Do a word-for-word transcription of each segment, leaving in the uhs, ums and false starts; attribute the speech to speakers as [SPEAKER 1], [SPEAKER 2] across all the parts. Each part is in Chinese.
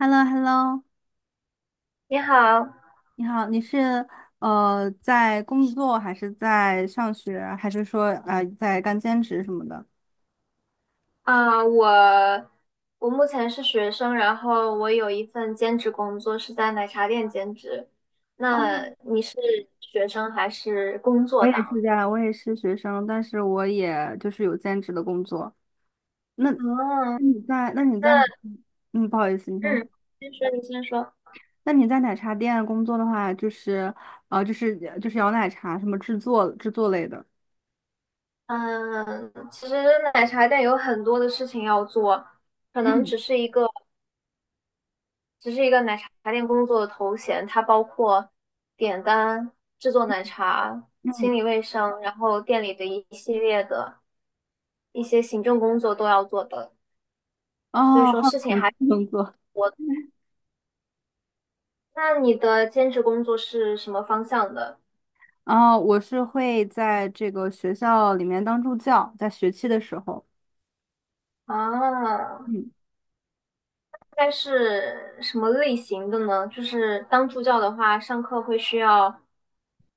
[SPEAKER 1] h e l l o h e l l o
[SPEAKER 2] 你好，
[SPEAKER 1] 你好，你是呃在工作还是在上学，还是说呃在干兼职什么的？
[SPEAKER 2] 啊、我我目前是学生，然后我有一份兼职工作是在奶茶店兼职。
[SPEAKER 1] 哦，
[SPEAKER 2] 那你是学生还是工
[SPEAKER 1] 我
[SPEAKER 2] 作
[SPEAKER 1] 也是这
[SPEAKER 2] 党？
[SPEAKER 1] 样，我也是学生，但是我也就是有兼职的工作。那那
[SPEAKER 2] 哦，
[SPEAKER 1] 你在那你在哪？
[SPEAKER 2] 那
[SPEAKER 1] 嗯，不好意思，你先。
[SPEAKER 2] 嗯，先说，你先说。
[SPEAKER 1] 那你在奶茶店工作的话，就是呃就是呃就是摇奶茶什么制作制作类的。
[SPEAKER 2] 嗯，其实奶茶店有很多的事情要做，可能
[SPEAKER 1] 嗯
[SPEAKER 2] 只是一个只是一个奶茶店工作的头衔，它包括点单、制作奶茶、清
[SPEAKER 1] 嗯。
[SPEAKER 2] 理卫生，然后店里的一系列的一些行政工作都要做的，所以
[SPEAKER 1] 哦，
[SPEAKER 2] 说
[SPEAKER 1] 好
[SPEAKER 2] 事情
[SPEAKER 1] 奇
[SPEAKER 2] 还挺
[SPEAKER 1] 工作。
[SPEAKER 2] 多的。那你的兼职工作是什么方向的？
[SPEAKER 1] 然后我是会在这个学校里面当助教，在学期的时候。
[SPEAKER 2] 啊？
[SPEAKER 1] 嗯，
[SPEAKER 2] 大概是什么类型的呢？就是当助教的话，上课会需要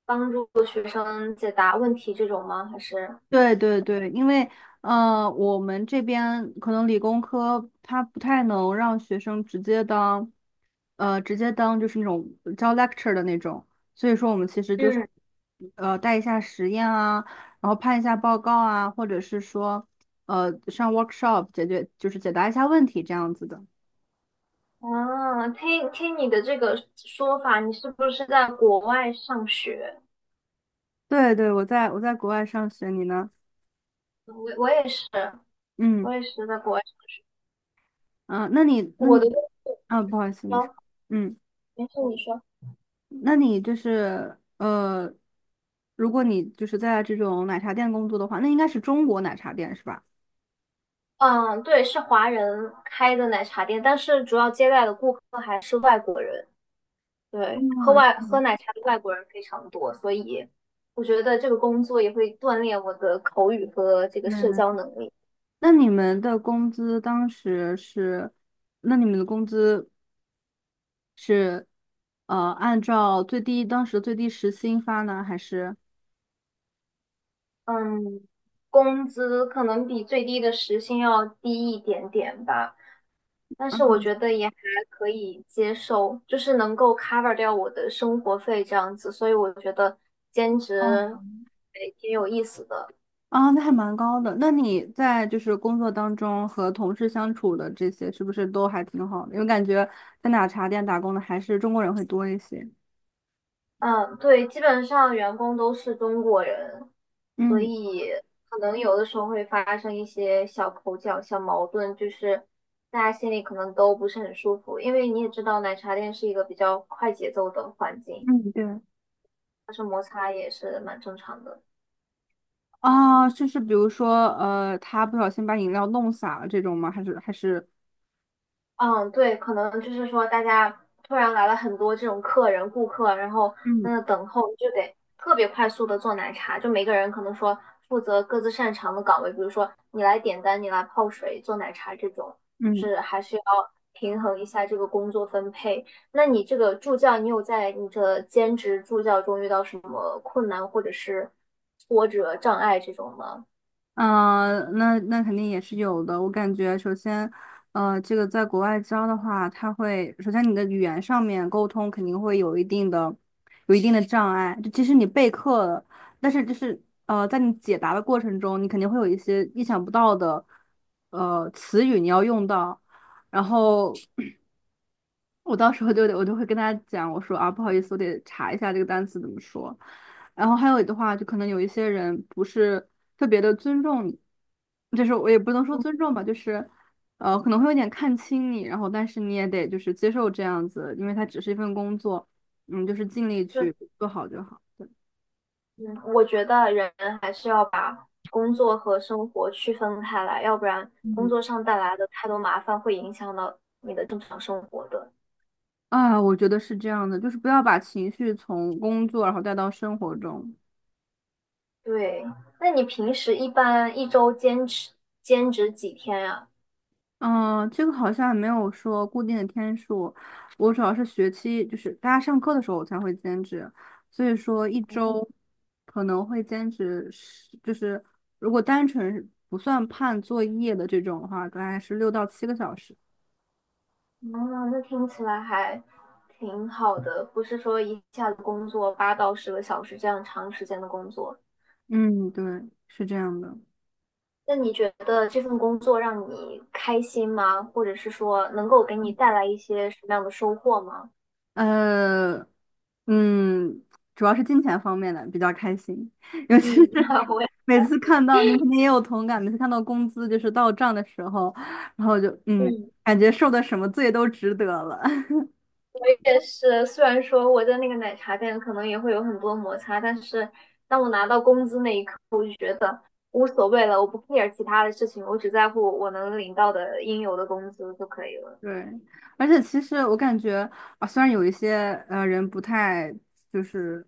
[SPEAKER 2] 帮助学生解答问题这种吗？还是？
[SPEAKER 1] 对对对。因为呃，我们这边可能理工科它不太能让学生直接当，呃，直接当就是那种教 lecture 的那种，所以说我们其实就是
[SPEAKER 2] 嗯。
[SPEAKER 1] 呃带一下实验啊，然后判一下报告啊，或者是说呃上 workshop 解决就是解答一下问题这样子的。
[SPEAKER 2] 啊，听听你的这个说法，你是不是在国外上学？
[SPEAKER 1] 对对，我在我在国外上学，你呢？
[SPEAKER 2] 我我也是，
[SPEAKER 1] 嗯。
[SPEAKER 2] 我也是在国外。
[SPEAKER 1] 嗯，那你那
[SPEAKER 2] 我
[SPEAKER 1] 你
[SPEAKER 2] 的工
[SPEAKER 1] 啊，不好意思，你说。
[SPEAKER 2] 作，
[SPEAKER 1] 嗯，
[SPEAKER 2] 没事，你说。
[SPEAKER 1] 那你就是呃，如果你就是在这种奶茶店工作的话，那应该是中国奶茶店是吧？
[SPEAKER 2] 嗯，对，是华人开的奶茶店，但是主要接待的顾客还是外国人。对，喝
[SPEAKER 1] 啊，
[SPEAKER 2] 外喝
[SPEAKER 1] 嗯，
[SPEAKER 2] 奶茶的外国人非常多，所以我觉得这个工作也会锻炼我的口语和这个社交
[SPEAKER 1] 对。
[SPEAKER 2] 能力。
[SPEAKER 1] 那你们的工资当时是，那你们的工资是呃按照最低当时的最低时薪发呢，还是？
[SPEAKER 2] 嗯，工资可能比最低的时薪要低一点点吧，但是
[SPEAKER 1] 嗯，
[SPEAKER 2] 我觉得也还可以接受，就是能够 cover 掉我的生活费这样子，所以我觉得兼职
[SPEAKER 1] 哦。
[SPEAKER 2] 还挺有意思的。
[SPEAKER 1] 啊，那还蛮高的。那你在就是工作当中和同事相处的这些，是不是都还挺好的？因为感觉在奶茶店打工的还是中国人会多一些。
[SPEAKER 2] 嗯，对，基本上员工都是中国人，所
[SPEAKER 1] 嗯。
[SPEAKER 2] 以可能有的时候会发生一些小口角、小矛盾，就是大家心里可能都不是很舒服，因为你也知道奶茶店是一个比较快节奏的环境，
[SPEAKER 1] 嗯，对。
[SPEAKER 2] 发生摩擦也是蛮正常的。
[SPEAKER 1] 啊，就是比如说，呃，他不小心把饮料弄洒了这种吗？还是还是
[SPEAKER 2] 嗯，对，可能就是说大家突然来了很多这种客人、顾客，然后在
[SPEAKER 1] 嗯
[SPEAKER 2] 那等候，就得特别快速的做奶茶。就每个人可能说负责各自擅长的岗位，比如说你来点单，你来泡水、做奶茶这种，就
[SPEAKER 1] 嗯。
[SPEAKER 2] 是还是要平衡一下这个工作分配。那你这个助教，你有在你的兼职助教中遇到什么困难或者是挫折、障碍这种吗？
[SPEAKER 1] 嗯呃，那那肯定也是有的。我感觉，首先，呃，这个在国外教的话，它会首先你的语言上面沟通肯定会有一定的、有一定的障碍。就即使你备课了，但是就是呃，在你解答的过程中，你肯定会有一些意想不到的呃词语你要用到，然后。我到时候就得，我就会跟他讲，我说啊，不好意思，我得查一下这个单词怎么说。然后还有的话，就可能有一些人不是特别的尊重你，就是我也不能说尊重吧，就是呃可能会有点看轻你，然后但是你也得就是接受这样子，因为它只是一份工作。嗯，就是尽力去做好就好。
[SPEAKER 2] 嗯，我觉得人还是要把工作和生活区分开来，要不然工
[SPEAKER 1] 嗯。
[SPEAKER 2] 作上带来的太多麻烦会影响到你的正常生活的。
[SPEAKER 1] 啊，我觉得是这样的，就是不要把情绪从工作然后带到生活中。
[SPEAKER 2] 对，那你平时一般一周兼职兼职几天呀？
[SPEAKER 1] 嗯，这个好像没有说固定的天数，我主要是学期，就是大家上课的时候我才会兼职，所以说一周可能会兼职是，就是如果单纯是不算判作业的这种的话，大概是六到七个小时。
[SPEAKER 2] 嗯，那听起来还挺好的，不是说一下子工作八到十个小时这样长时间的工作。
[SPEAKER 1] 嗯，对，是这样的。
[SPEAKER 2] 那你觉得这份工作让你开心吗？或者是说能够给你带来一些什么样的收获吗？
[SPEAKER 1] 呃，嗯，主要是金钱方面的比较开心，尤其
[SPEAKER 2] 嗯，
[SPEAKER 1] 是
[SPEAKER 2] 我。
[SPEAKER 1] 每次看到，你肯定也有同感，每次看到工资就是到账的时候，然后就嗯，
[SPEAKER 2] 嗯，
[SPEAKER 1] 感觉受的什么罪都值得了。
[SPEAKER 2] 也是。虽然说我在那个奶茶店可能也会有很多摩擦，但是当我拿到工资那一刻，我就觉得无所谓了，我不 care 其他的事情，我只在乎我能领到的应有的工资就可以了。
[SPEAKER 1] 对，而且其实我感觉啊，虽然有一些呃人不太就是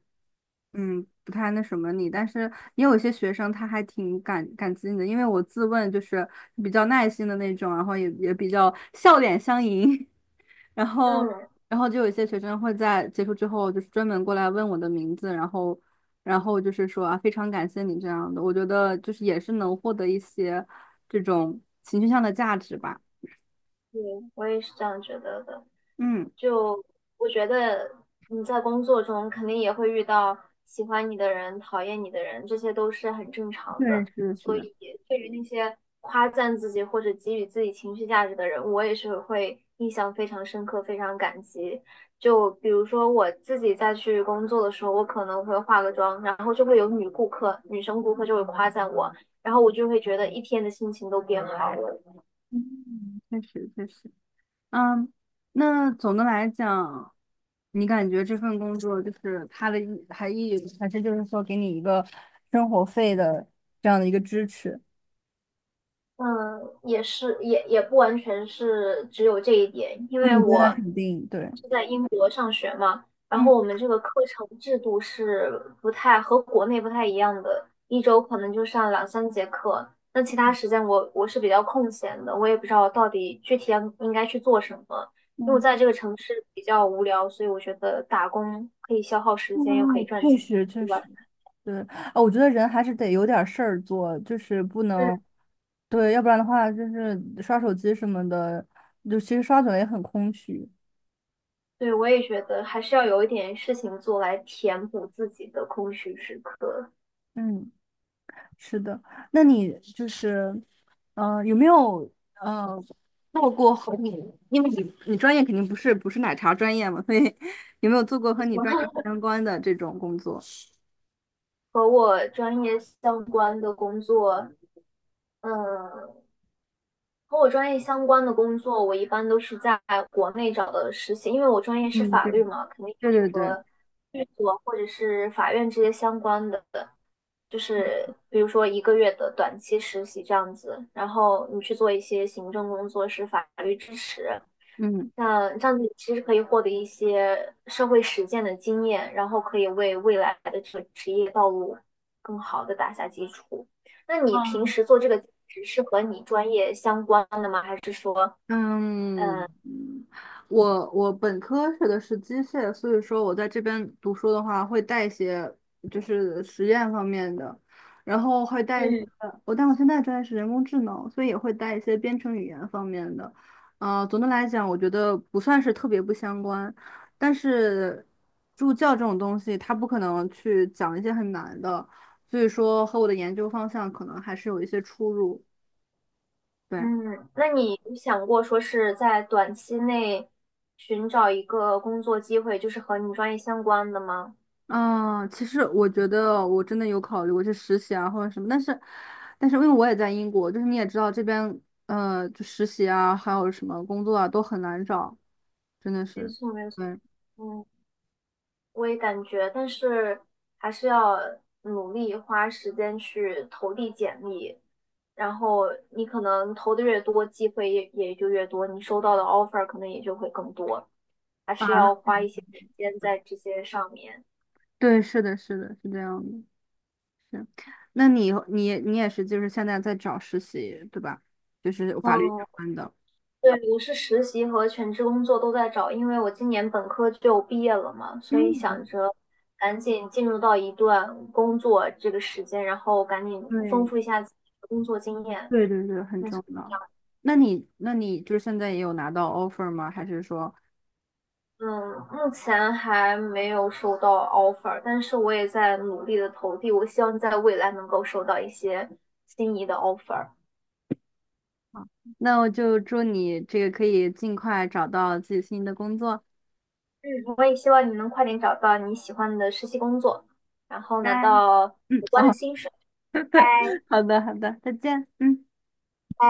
[SPEAKER 1] 嗯不太那什么你，但是也有一些学生他还挺感感激你的，因为我自问就是比较耐心的那种，然后也也比较笑脸相迎。然后，
[SPEAKER 2] 嗯，
[SPEAKER 1] 然后就有一些学生会在结束之后，就是专门过来问我的名字，然后，然后就是说啊，非常感谢你这样的，我觉得就是也是能获得一些这种情绪上的价值吧。
[SPEAKER 2] 对，我也是这样觉得的。
[SPEAKER 1] 嗯，
[SPEAKER 2] 就我觉得你在工作中肯定也会遇到喜欢你的人、讨厌你的人，这些都是很正常
[SPEAKER 1] 对，
[SPEAKER 2] 的。
[SPEAKER 1] 是的，是
[SPEAKER 2] 所以
[SPEAKER 1] 的。
[SPEAKER 2] 对于那些夸赞自己或者给予自己情绪价值的人，我也是会印象非常深刻、非常感激。就比如说我自己在去工作的时候，我可能会化个妆，然后就会有女顾客、女生顾客就会夸赞我，然后我就会觉得一天的心情都变好了。
[SPEAKER 1] 嗯，确实确实。嗯，那总的来讲，你感觉这份工作就是它的意还意还是就是说给你一个生活费的这样的一个支持？
[SPEAKER 2] 嗯，也是，也也不完全是只有这一点，因为
[SPEAKER 1] 嗯，对，那
[SPEAKER 2] 我
[SPEAKER 1] 肯定对。
[SPEAKER 2] 是在英国上学嘛，然
[SPEAKER 1] 嗯
[SPEAKER 2] 后我们这个课程制度是不太和国内不太一样的，一周可能就上两三节课，那其他时间我我是比较空闲的，我也不知道到底具体要应该去做什么，因为我
[SPEAKER 1] 嗯。
[SPEAKER 2] 在这个城市比较无聊，所以我觉得打工可以消耗时间，又可以
[SPEAKER 1] 嗯，
[SPEAKER 2] 赚
[SPEAKER 1] 确
[SPEAKER 2] 钱，
[SPEAKER 1] 实确
[SPEAKER 2] 对吧？
[SPEAKER 1] 实。对，啊，我觉得人还是得有点儿事儿做，就是不
[SPEAKER 2] 嗯。
[SPEAKER 1] 能。对，要不然的话就是刷手机什么的，就其实刷久了也很空虚。
[SPEAKER 2] 对，我也觉得还是要有一点事情做来填补自己的空虚时刻。
[SPEAKER 1] 嗯，是的。那你就是，呃，有没有呃做过和你，因为你你专业肯定不是不是奶茶专业嘛，所以有没有做过和你专业相关的这种工作？
[SPEAKER 2] 和我专业相关的工作，嗯，和我专业相关的工作，我一般都是在国内找的实习，因为我专业是
[SPEAKER 1] 嗯，
[SPEAKER 2] 法
[SPEAKER 1] 对，
[SPEAKER 2] 律嘛，肯定就
[SPEAKER 1] 对
[SPEAKER 2] 是
[SPEAKER 1] 对对。
[SPEAKER 2] 和律所或者是法院这些相关的，就是比如说一个月的短期实习这样子，然后你去做一些行政工作是法律支持，
[SPEAKER 1] 嗯。
[SPEAKER 2] 那这样子其实可以获得一些社会实践的经验，然后可以为未来的这个职业道路更好的打下基础。那你平时做这个兼职是和你专业相关的吗？还是说，
[SPEAKER 1] 嗯，嗯，我我本科学的是机械，所以说我在这边读书的话，会带一些就是实验方面的，然后会带一些。
[SPEAKER 2] 嗯。
[SPEAKER 1] 我但我现在专业是人工智能，所以也会带一些编程语言方面的。呃，总的来讲，我觉得不算是特别不相关，但是助教这种东西，它不可能去讲一些很难的，所以说和我的研究方向可能还是有一些出入。对。
[SPEAKER 2] 嗯，那你有想过说是在短期内寻找一个工作机会，就是和你专业相关的吗？
[SPEAKER 1] 嗯，其实我觉得我真的有考虑过去实习啊，或者什么，但是，但是因为我也在英国，就是你也知道这边，呃，就实习啊，还有什么工作啊，都很难找，真的
[SPEAKER 2] 没
[SPEAKER 1] 是。
[SPEAKER 2] 错，没错，
[SPEAKER 1] 对
[SPEAKER 2] 嗯，我也感觉，但是还是要努力花时间去投递简历，然后你可能投的越多，机会也也就越多，你收到的 offer 可能也就会更多，还
[SPEAKER 1] 啊，
[SPEAKER 2] 是要
[SPEAKER 1] 那
[SPEAKER 2] 花一些时间在这些上面。
[SPEAKER 1] 对，是的，是的，是这样的，是。那你你你也是，就是现在在找实习，对吧？就是法律相
[SPEAKER 2] 嗯，
[SPEAKER 1] 关的。
[SPEAKER 2] 对，我是实习和全职工作都在找，因为我今年本科就毕业了嘛，所以
[SPEAKER 1] 嗯，
[SPEAKER 2] 想着赶紧进入到一段工作这个时间，然后赶紧丰
[SPEAKER 1] 对，
[SPEAKER 2] 富一下自己的工作经验。
[SPEAKER 1] 对对对，很
[SPEAKER 2] 没错。
[SPEAKER 1] 重要。那你那你就是现在也有拿到 offer 吗？还是说？
[SPEAKER 2] 嗯，目前还没有收到 offer，但是我也在努力的投递，我希望在未来能够收到一些心仪的 offer。
[SPEAKER 1] 好，那我就祝你这个可以尽快找到自己心仪的工作。
[SPEAKER 2] 嗯，我也希望你能快点找到你喜欢的实习工作，然后
[SPEAKER 1] 拜。
[SPEAKER 2] 拿到
[SPEAKER 1] 嗯，
[SPEAKER 2] 有关的
[SPEAKER 1] 哦，
[SPEAKER 2] 薪水。拜
[SPEAKER 1] 好的，好的，再见。嗯。
[SPEAKER 2] 拜。